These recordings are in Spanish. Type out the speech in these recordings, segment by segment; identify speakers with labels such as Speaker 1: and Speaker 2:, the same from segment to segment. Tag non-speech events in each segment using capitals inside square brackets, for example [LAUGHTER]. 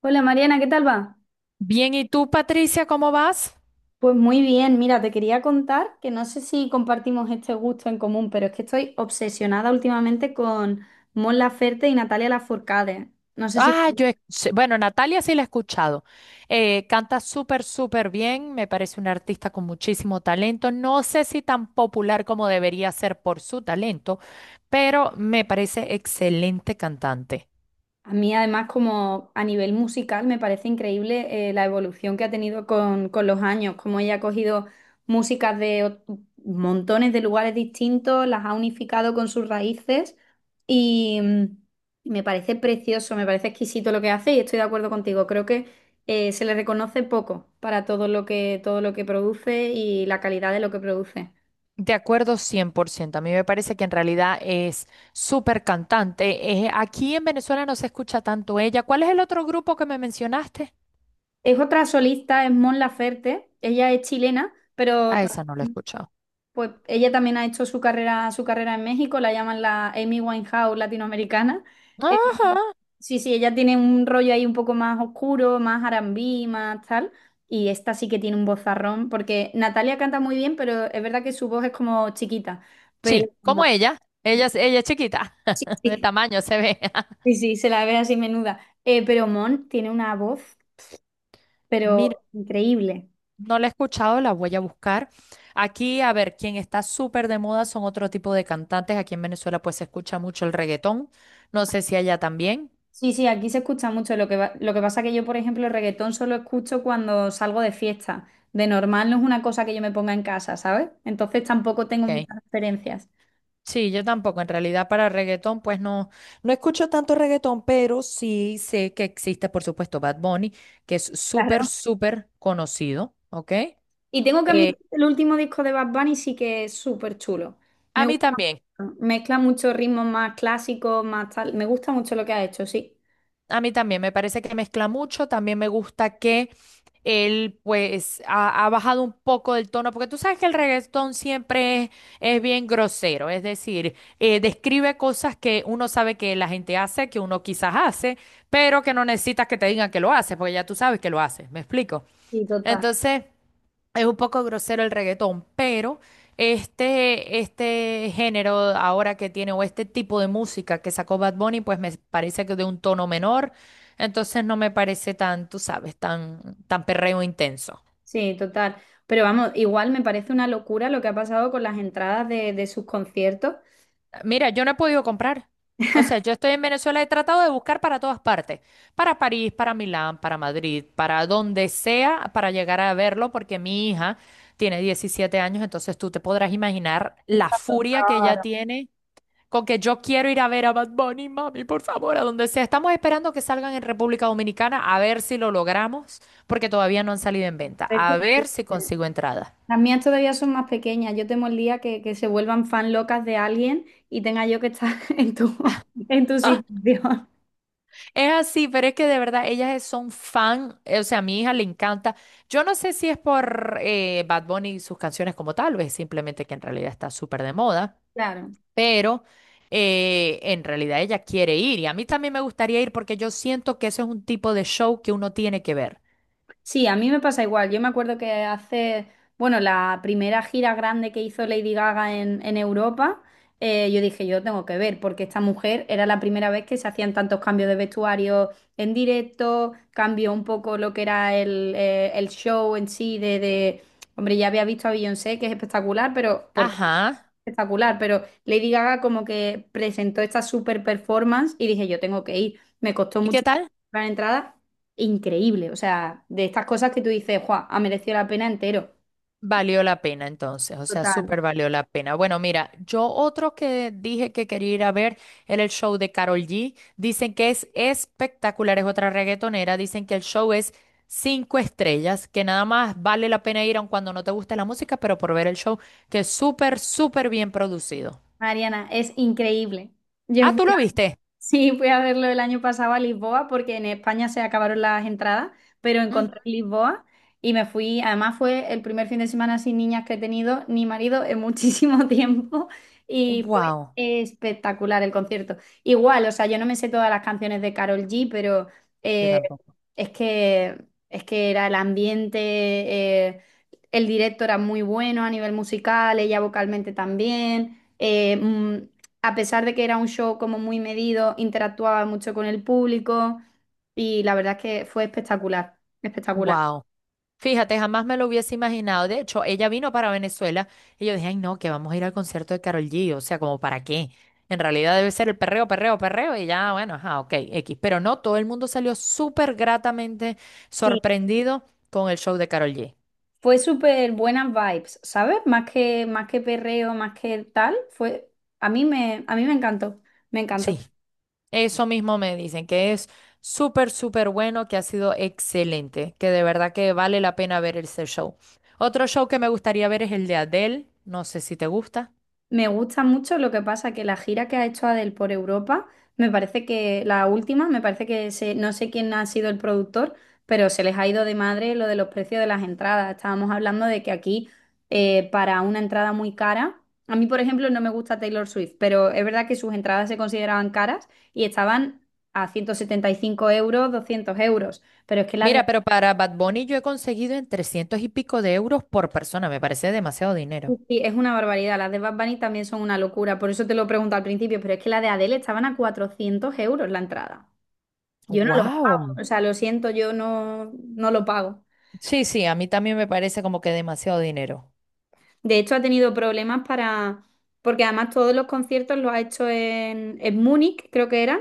Speaker 1: Hola Mariana, ¿qué tal va?
Speaker 2: Bien, ¿y tú, Patricia, cómo vas?
Speaker 1: Pues muy bien, mira, te quería contar que no sé si compartimos este gusto en común, pero es que estoy obsesionada últimamente con Mon Laferte y Natalia Lafourcade. No sé si...
Speaker 2: Bueno, Natalia sí la he escuchado. Canta súper, súper bien, me parece una artista con muchísimo talento. No sé si tan popular como debería ser por su talento, pero me parece excelente cantante.
Speaker 1: A mí además como a nivel musical me parece increíble la evolución que ha tenido con los años, como ella ha cogido músicas de montones de lugares distintos, las ha unificado con sus raíces y mm, me parece precioso, me parece exquisito lo que hace y estoy de acuerdo contigo. Creo que se le reconoce poco para todo lo que produce y la calidad de lo que produce.
Speaker 2: De acuerdo, cien por ciento. A mí me parece que en realidad es súper cantante. Aquí en Venezuela no se escucha tanto ella. ¿Cuál es el otro grupo que me mencionaste?
Speaker 1: Es otra solista, es Mon Laferte, ella es chilena, pero...
Speaker 2: A esa no la he escuchado.
Speaker 1: Pues ella también ha hecho su carrera en México, la llaman la Amy Winehouse latinoamericana. Eh,
Speaker 2: Ajá.
Speaker 1: sí, sí, ella tiene un rollo ahí un poco más oscuro, más R&B, más tal. Y esta sí que tiene un vozarrón, porque Natalia canta muy bien, pero es verdad que su voz es como chiquita. Pero
Speaker 2: Sí, como ella. Ella es chiquita,
Speaker 1: sí,
Speaker 2: [LAUGHS] de
Speaker 1: sí,
Speaker 2: tamaño se ve.
Speaker 1: sí,
Speaker 2: [LAUGHS]
Speaker 1: sí, se la ve así menuda. Pero Mon tiene una voz,
Speaker 2: Mira,
Speaker 1: pero increíble.
Speaker 2: no la he escuchado, la voy a buscar. Aquí, a ver, quien está súper de moda son otro tipo de cantantes. Aquí en Venezuela pues se escucha mucho el reggaetón. No sé si allá también.
Speaker 1: Sí, sí, aquí se escucha mucho. Lo que pasa que yo, por ejemplo, el reggaetón solo escucho cuando salgo de fiesta. De normal no es una cosa que yo me ponga en casa, ¿sabes? Entonces tampoco tengo
Speaker 2: Ok.
Speaker 1: muchas referencias.
Speaker 2: Sí, yo tampoco. En realidad para reggaetón pues no escucho tanto reggaetón, pero sí sé que existe, por supuesto, Bad Bunny, que es súper,
Speaker 1: Claro.
Speaker 2: súper conocido. Ok.
Speaker 1: Y tengo que admitir
Speaker 2: Eh,
Speaker 1: que el último disco de Bad Bunny sí que es súper chulo. Me
Speaker 2: a mí
Speaker 1: gusta
Speaker 2: también.
Speaker 1: mucho. Mezcla muchos ritmos más clásicos, más tal. Me gusta mucho lo que ha hecho, sí.
Speaker 2: A mí también me parece que mezcla mucho, también me gusta que él pues ha bajado un poco del tono, porque tú sabes que el reggaetón siempre es bien grosero, es decir, describe cosas que uno sabe que la gente hace, que uno quizás hace, pero que no necesitas que te digan que lo haces, porque ya tú sabes que lo haces, ¿me explico?
Speaker 1: Sí, total.
Speaker 2: Entonces... Es un poco grosero el reggaetón, pero este género ahora que tiene, o este tipo de música que sacó Bad Bunny, pues me parece que de un tono menor, entonces no me parece tú sabes, tan perreo intenso.
Speaker 1: Sí, total. Pero vamos, igual me parece una locura lo que ha pasado con las entradas de sus conciertos.
Speaker 2: Mira, yo no he podido comprar. O sea, yo estoy en Venezuela, he tratado de buscar para todas partes, para París, para Milán, para Madrid, para donde sea, para llegar a verlo, porque mi hija tiene 17 años, entonces tú te podrás imaginar la
Speaker 1: Está
Speaker 2: furia que ella tiene con que yo quiero ir a ver a Bad Bunny, mami, por favor, a donde sea. Estamos esperando que salgan en República Dominicana a ver si lo logramos, porque todavía no han salido en venta. A ver si
Speaker 1: claro.
Speaker 2: consigo entrada.
Speaker 1: Las mías todavía son más pequeñas. Yo temo el día que se vuelvan fan locas de alguien y tenga yo que estar [LAUGHS] en tu situación.
Speaker 2: Es así, pero es que de verdad son fan, o sea, a mi hija le encanta. Yo no sé si es por Bad Bunny y sus canciones como tal, o es simplemente que en realidad está súper de moda,
Speaker 1: Claro.
Speaker 2: pero en realidad ella quiere ir y a mí también me gustaría ir porque yo siento que eso es un tipo de show que uno tiene que ver.
Speaker 1: Sí, a mí me pasa igual. Yo me acuerdo que hace, bueno, la primera gira grande que hizo Lady Gaga en Europa, yo dije, yo tengo que ver, porque esta mujer era la primera vez que se hacían tantos cambios de vestuario en directo, cambió un poco lo que era el show en sí Hombre, ya había visto a Beyoncé, que es espectacular, pero por
Speaker 2: Ajá.
Speaker 1: espectacular, pero Lady Gaga como que presentó esta super performance y dije, yo tengo que ir. Me costó
Speaker 2: ¿Y qué
Speaker 1: mucho
Speaker 2: tal?
Speaker 1: la entrada, increíble. O sea, de estas cosas que tú dices, ¡guau! Ha merecido la pena entero.
Speaker 2: Valió la pena entonces, o sea,
Speaker 1: Total.
Speaker 2: súper valió la pena. Bueno, mira, yo otro que dije que quería ir a ver era el show de Karol G. Dicen que es espectacular, es otra reggaetonera. Dicen que el show es 5 estrellas, que nada más vale la pena ir aun cuando no te guste la música, pero por ver el show, que es súper, súper bien producido.
Speaker 1: Mariana, es increíble. Yo
Speaker 2: Ah, ¿tú lo viste?
Speaker 1: Sí, fui a verlo el año pasado a Lisboa porque en España se acabaron las entradas, pero encontré Lisboa y me fui. Además fue el primer fin de semana sin niñas que he tenido ni marido en muchísimo [LAUGHS] tiempo y fue
Speaker 2: Wow,
Speaker 1: espectacular el concierto. Igual, o sea, yo no me sé todas las canciones de Carol G, pero
Speaker 2: yo
Speaker 1: eh,
Speaker 2: tampoco.
Speaker 1: es que era el ambiente, eh, el directo era muy bueno a nivel musical, ella vocalmente también. A pesar de que era un show como muy medido, interactuaba mucho con el público y la verdad es que fue espectacular, espectacular.
Speaker 2: Wow. Fíjate, jamás me lo hubiese imaginado. De hecho, ella vino para Venezuela y yo dije, ay, no, que vamos a ir al concierto de Karol G. O sea, como para qué. En realidad debe ser el perreo, perreo, perreo y ya, bueno, ajá, ok, X. Pero no, todo el mundo salió súper gratamente
Speaker 1: Sí,
Speaker 2: sorprendido con el show de Karol G.
Speaker 1: fue súper buenas vibes, ¿sabes? Más que perreo, más que tal, fue, a mí me encantó, me
Speaker 2: Sí,
Speaker 1: encantó.
Speaker 2: eso mismo me dicen, que es súper, súper bueno, que ha sido excelente, que de verdad que vale la pena ver ese show. Otro show que me gustaría ver es el de Adele. No sé si te gusta.
Speaker 1: Me gusta mucho lo que pasa que la gira que ha hecho Adele por Europa, me parece que la última, me parece que se, no sé quién ha sido el productor, pero se les ha ido de madre lo de los precios de las entradas. Estábamos hablando de que aquí para una entrada muy cara, a mí por ejemplo no me gusta Taylor Swift, pero es verdad que sus entradas se consideraban caras y estaban a 175 euros, 200 euros, pero es que la
Speaker 2: Mira, pero para Bad Bunny yo he conseguido en 300 y pico de euros por persona. Me parece demasiado
Speaker 1: Sí,
Speaker 2: dinero.
Speaker 1: sí, es una barbaridad. Las de Bad Bunny también son una locura. Por eso te lo pregunto al principio, pero es que la de Adele estaban a 400 € la entrada. Yo no lo pago.
Speaker 2: Wow.
Speaker 1: O sea, lo siento, yo no, no lo pago.
Speaker 2: Sí, sí, a mí también me parece como que demasiado dinero.
Speaker 1: De hecho, ha tenido problemas para, porque además todos los conciertos los ha hecho en Múnich, creo que eran,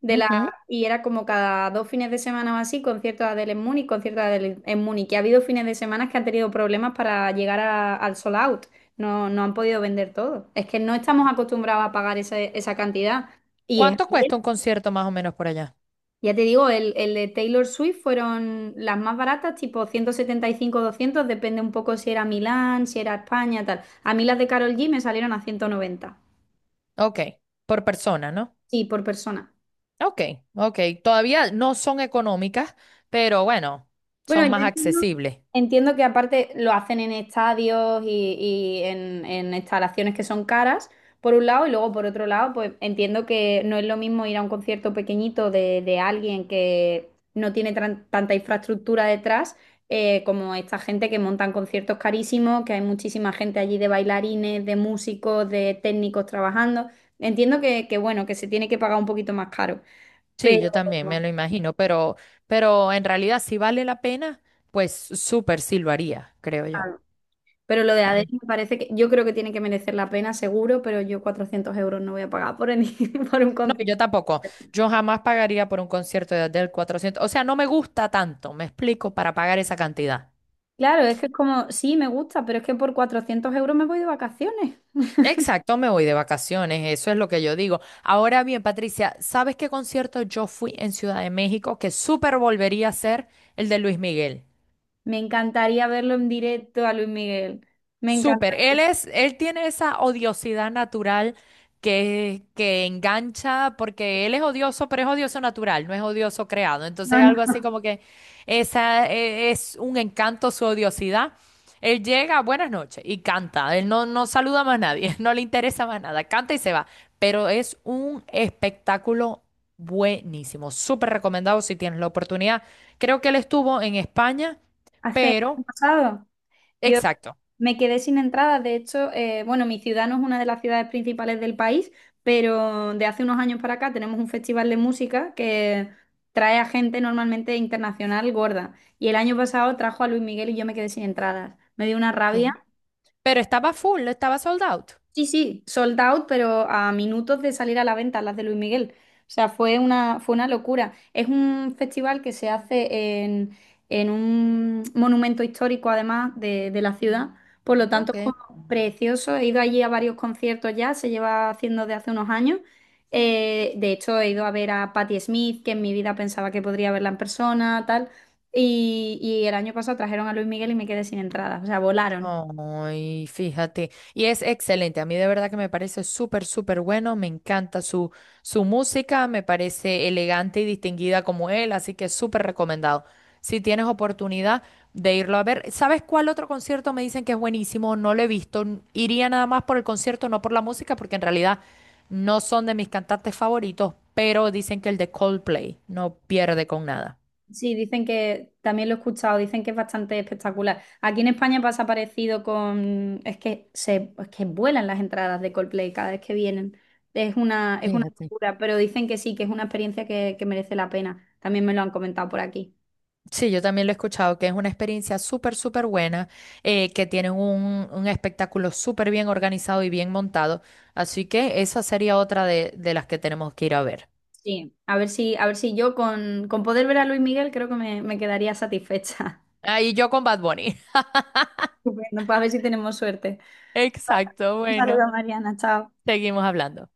Speaker 1: de la,
Speaker 2: Ujú.
Speaker 1: y era como cada dos fines de semana o así, concierto de Adele en Múnich, concierto de Adele en Múnich. Y ha habido fines de semana que han tenido problemas para llegar al sold out. No, no han podido vender todo. Es que no estamos acostumbrados a pagar esa cantidad. Y es.
Speaker 2: ¿Cuánto cuesta un concierto más o menos por allá?
Speaker 1: Ya te digo, el de Taylor Swift fueron las más baratas, tipo 175 200 depende un poco si era Milán, si era España, tal. A mí las de Carol G me salieron a 190
Speaker 2: Ok, por persona, ¿no?
Speaker 1: sí, por persona.
Speaker 2: Ok, ok. Todavía no son económicas, pero bueno,
Speaker 1: Bueno,
Speaker 2: son
Speaker 1: yo
Speaker 2: más
Speaker 1: entiendo,
Speaker 2: accesibles.
Speaker 1: entiendo que aparte lo hacen en estadios en instalaciones que son caras, por un lado, y luego por otro lado, pues entiendo que no es lo mismo ir a un concierto pequeñito de alguien que no tiene tanta infraestructura detrás, como esta gente que montan conciertos carísimos, que hay muchísima gente allí de bailarines, de músicos, de técnicos trabajando. Entiendo que bueno, que se tiene que pagar un poquito más caro,
Speaker 2: Sí,
Speaker 1: pero...
Speaker 2: yo también me lo imagino, pero en realidad si vale la pena, pues súper sí lo haría, creo yo.
Speaker 1: Pero lo de ADN me parece que yo creo que tiene que merecer la pena, seguro, pero yo 400 € no voy a pagar [LAUGHS] por un
Speaker 2: No,
Speaker 1: concierto.
Speaker 2: yo tampoco. Yo jamás pagaría por un concierto de Adele 400. O sea, no me gusta tanto, me explico, para pagar esa cantidad.
Speaker 1: Claro, es que es como, sí, me gusta, pero es que por 400 € me voy de vacaciones.
Speaker 2: Exacto, me voy de vacaciones, eso es lo que yo digo. Ahora bien, Patricia, ¿sabes qué concierto yo fui en Ciudad de México que súper volvería a ser el de Luis Miguel?
Speaker 1: Me encantaría verlo en directo a Luis Miguel. Me
Speaker 2: Súper,
Speaker 1: encantaría.
Speaker 2: él tiene esa odiosidad natural que engancha, porque él es odioso, pero es odioso natural, no es odioso creado.
Speaker 1: No,
Speaker 2: Entonces,
Speaker 1: no,
Speaker 2: algo así como que esa es un encanto su odiosidad. Él llega, buenas noches, y canta. Él no, no saluda más a nadie, [LAUGHS] no le interesa más nada, canta y se va. Pero es un espectáculo buenísimo, súper recomendado si tienes la oportunidad. Creo que él estuvo en España,
Speaker 1: hace, año
Speaker 2: pero
Speaker 1: pasado. Yo
Speaker 2: exacto.
Speaker 1: me quedé sin entradas de hecho, bueno, mi ciudad no es una de las ciudades principales del país, pero de hace unos años para acá tenemos un festival de música que trae a gente normalmente internacional gorda. Y el año pasado trajo a Luis Miguel y yo me quedé sin entradas. Me dio una rabia.
Speaker 2: Ok. Pero estaba full, estaba sold out.
Speaker 1: Sí, sí, sold out, pero a minutos de salir a la venta las de Luis Miguel. O sea, fue una locura. Es un festival que se hace en un monumento histórico, además, de la ciudad. Por lo tanto, es
Speaker 2: Ok.
Speaker 1: como precioso. He ido allí a varios conciertos ya, se lleva haciendo de hace unos años. De hecho, he ido a ver a Patti Smith, que en mi vida pensaba que podría verla en persona, tal. Y el año pasado trajeron a Luis Miguel y me quedé sin entradas. O sea, volaron.
Speaker 2: Ay, fíjate. Y es excelente. A mí de verdad que me parece súper, súper bueno. Me encanta su música. Me parece elegante y distinguida como él. Así que súper recomendado. Si tienes oportunidad de irlo a ver. ¿Sabes cuál otro concierto me dicen que es buenísimo? No lo he visto. N- Iría nada más por el concierto, no por la música, porque en realidad no son de mis cantantes favoritos. Pero dicen que el de Coldplay no pierde con nada.
Speaker 1: Sí, dicen que, también lo he escuchado, dicen que es bastante espectacular. Aquí en España pasa parecido con, es que se, es que vuelan las entradas de Coldplay cada vez que vienen. Es una
Speaker 2: Fíjate.
Speaker 1: locura, pero dicen que sí, que es una experiencia que merece la pena. También me lo han comentado por aquí.
Speaker 2: Sí, yo también lo he escuchado, que es una experiencia súper, súper buena, que tienen un espectáculo súper bien organizado y bien montado. Así que esa sería otra de las que tenemos que ir a ver.
Speaker 1: Sí, a ver si, yo con poder ver a Luis Miguel creo que me quedaría satisfecha.
Speaker 2: Ahí yo con Bad Bunny.
Speaker 1: [LAUGHS] Estupendo, pues a ver si tenemos suerte.
Speaker 2: [LAUGHS] Exacto,
Speaker 1: Un
Speaker 2: bueno,
Speaker 1: saludo, Mariana, chao.
Speaker 2: seguimos hablando.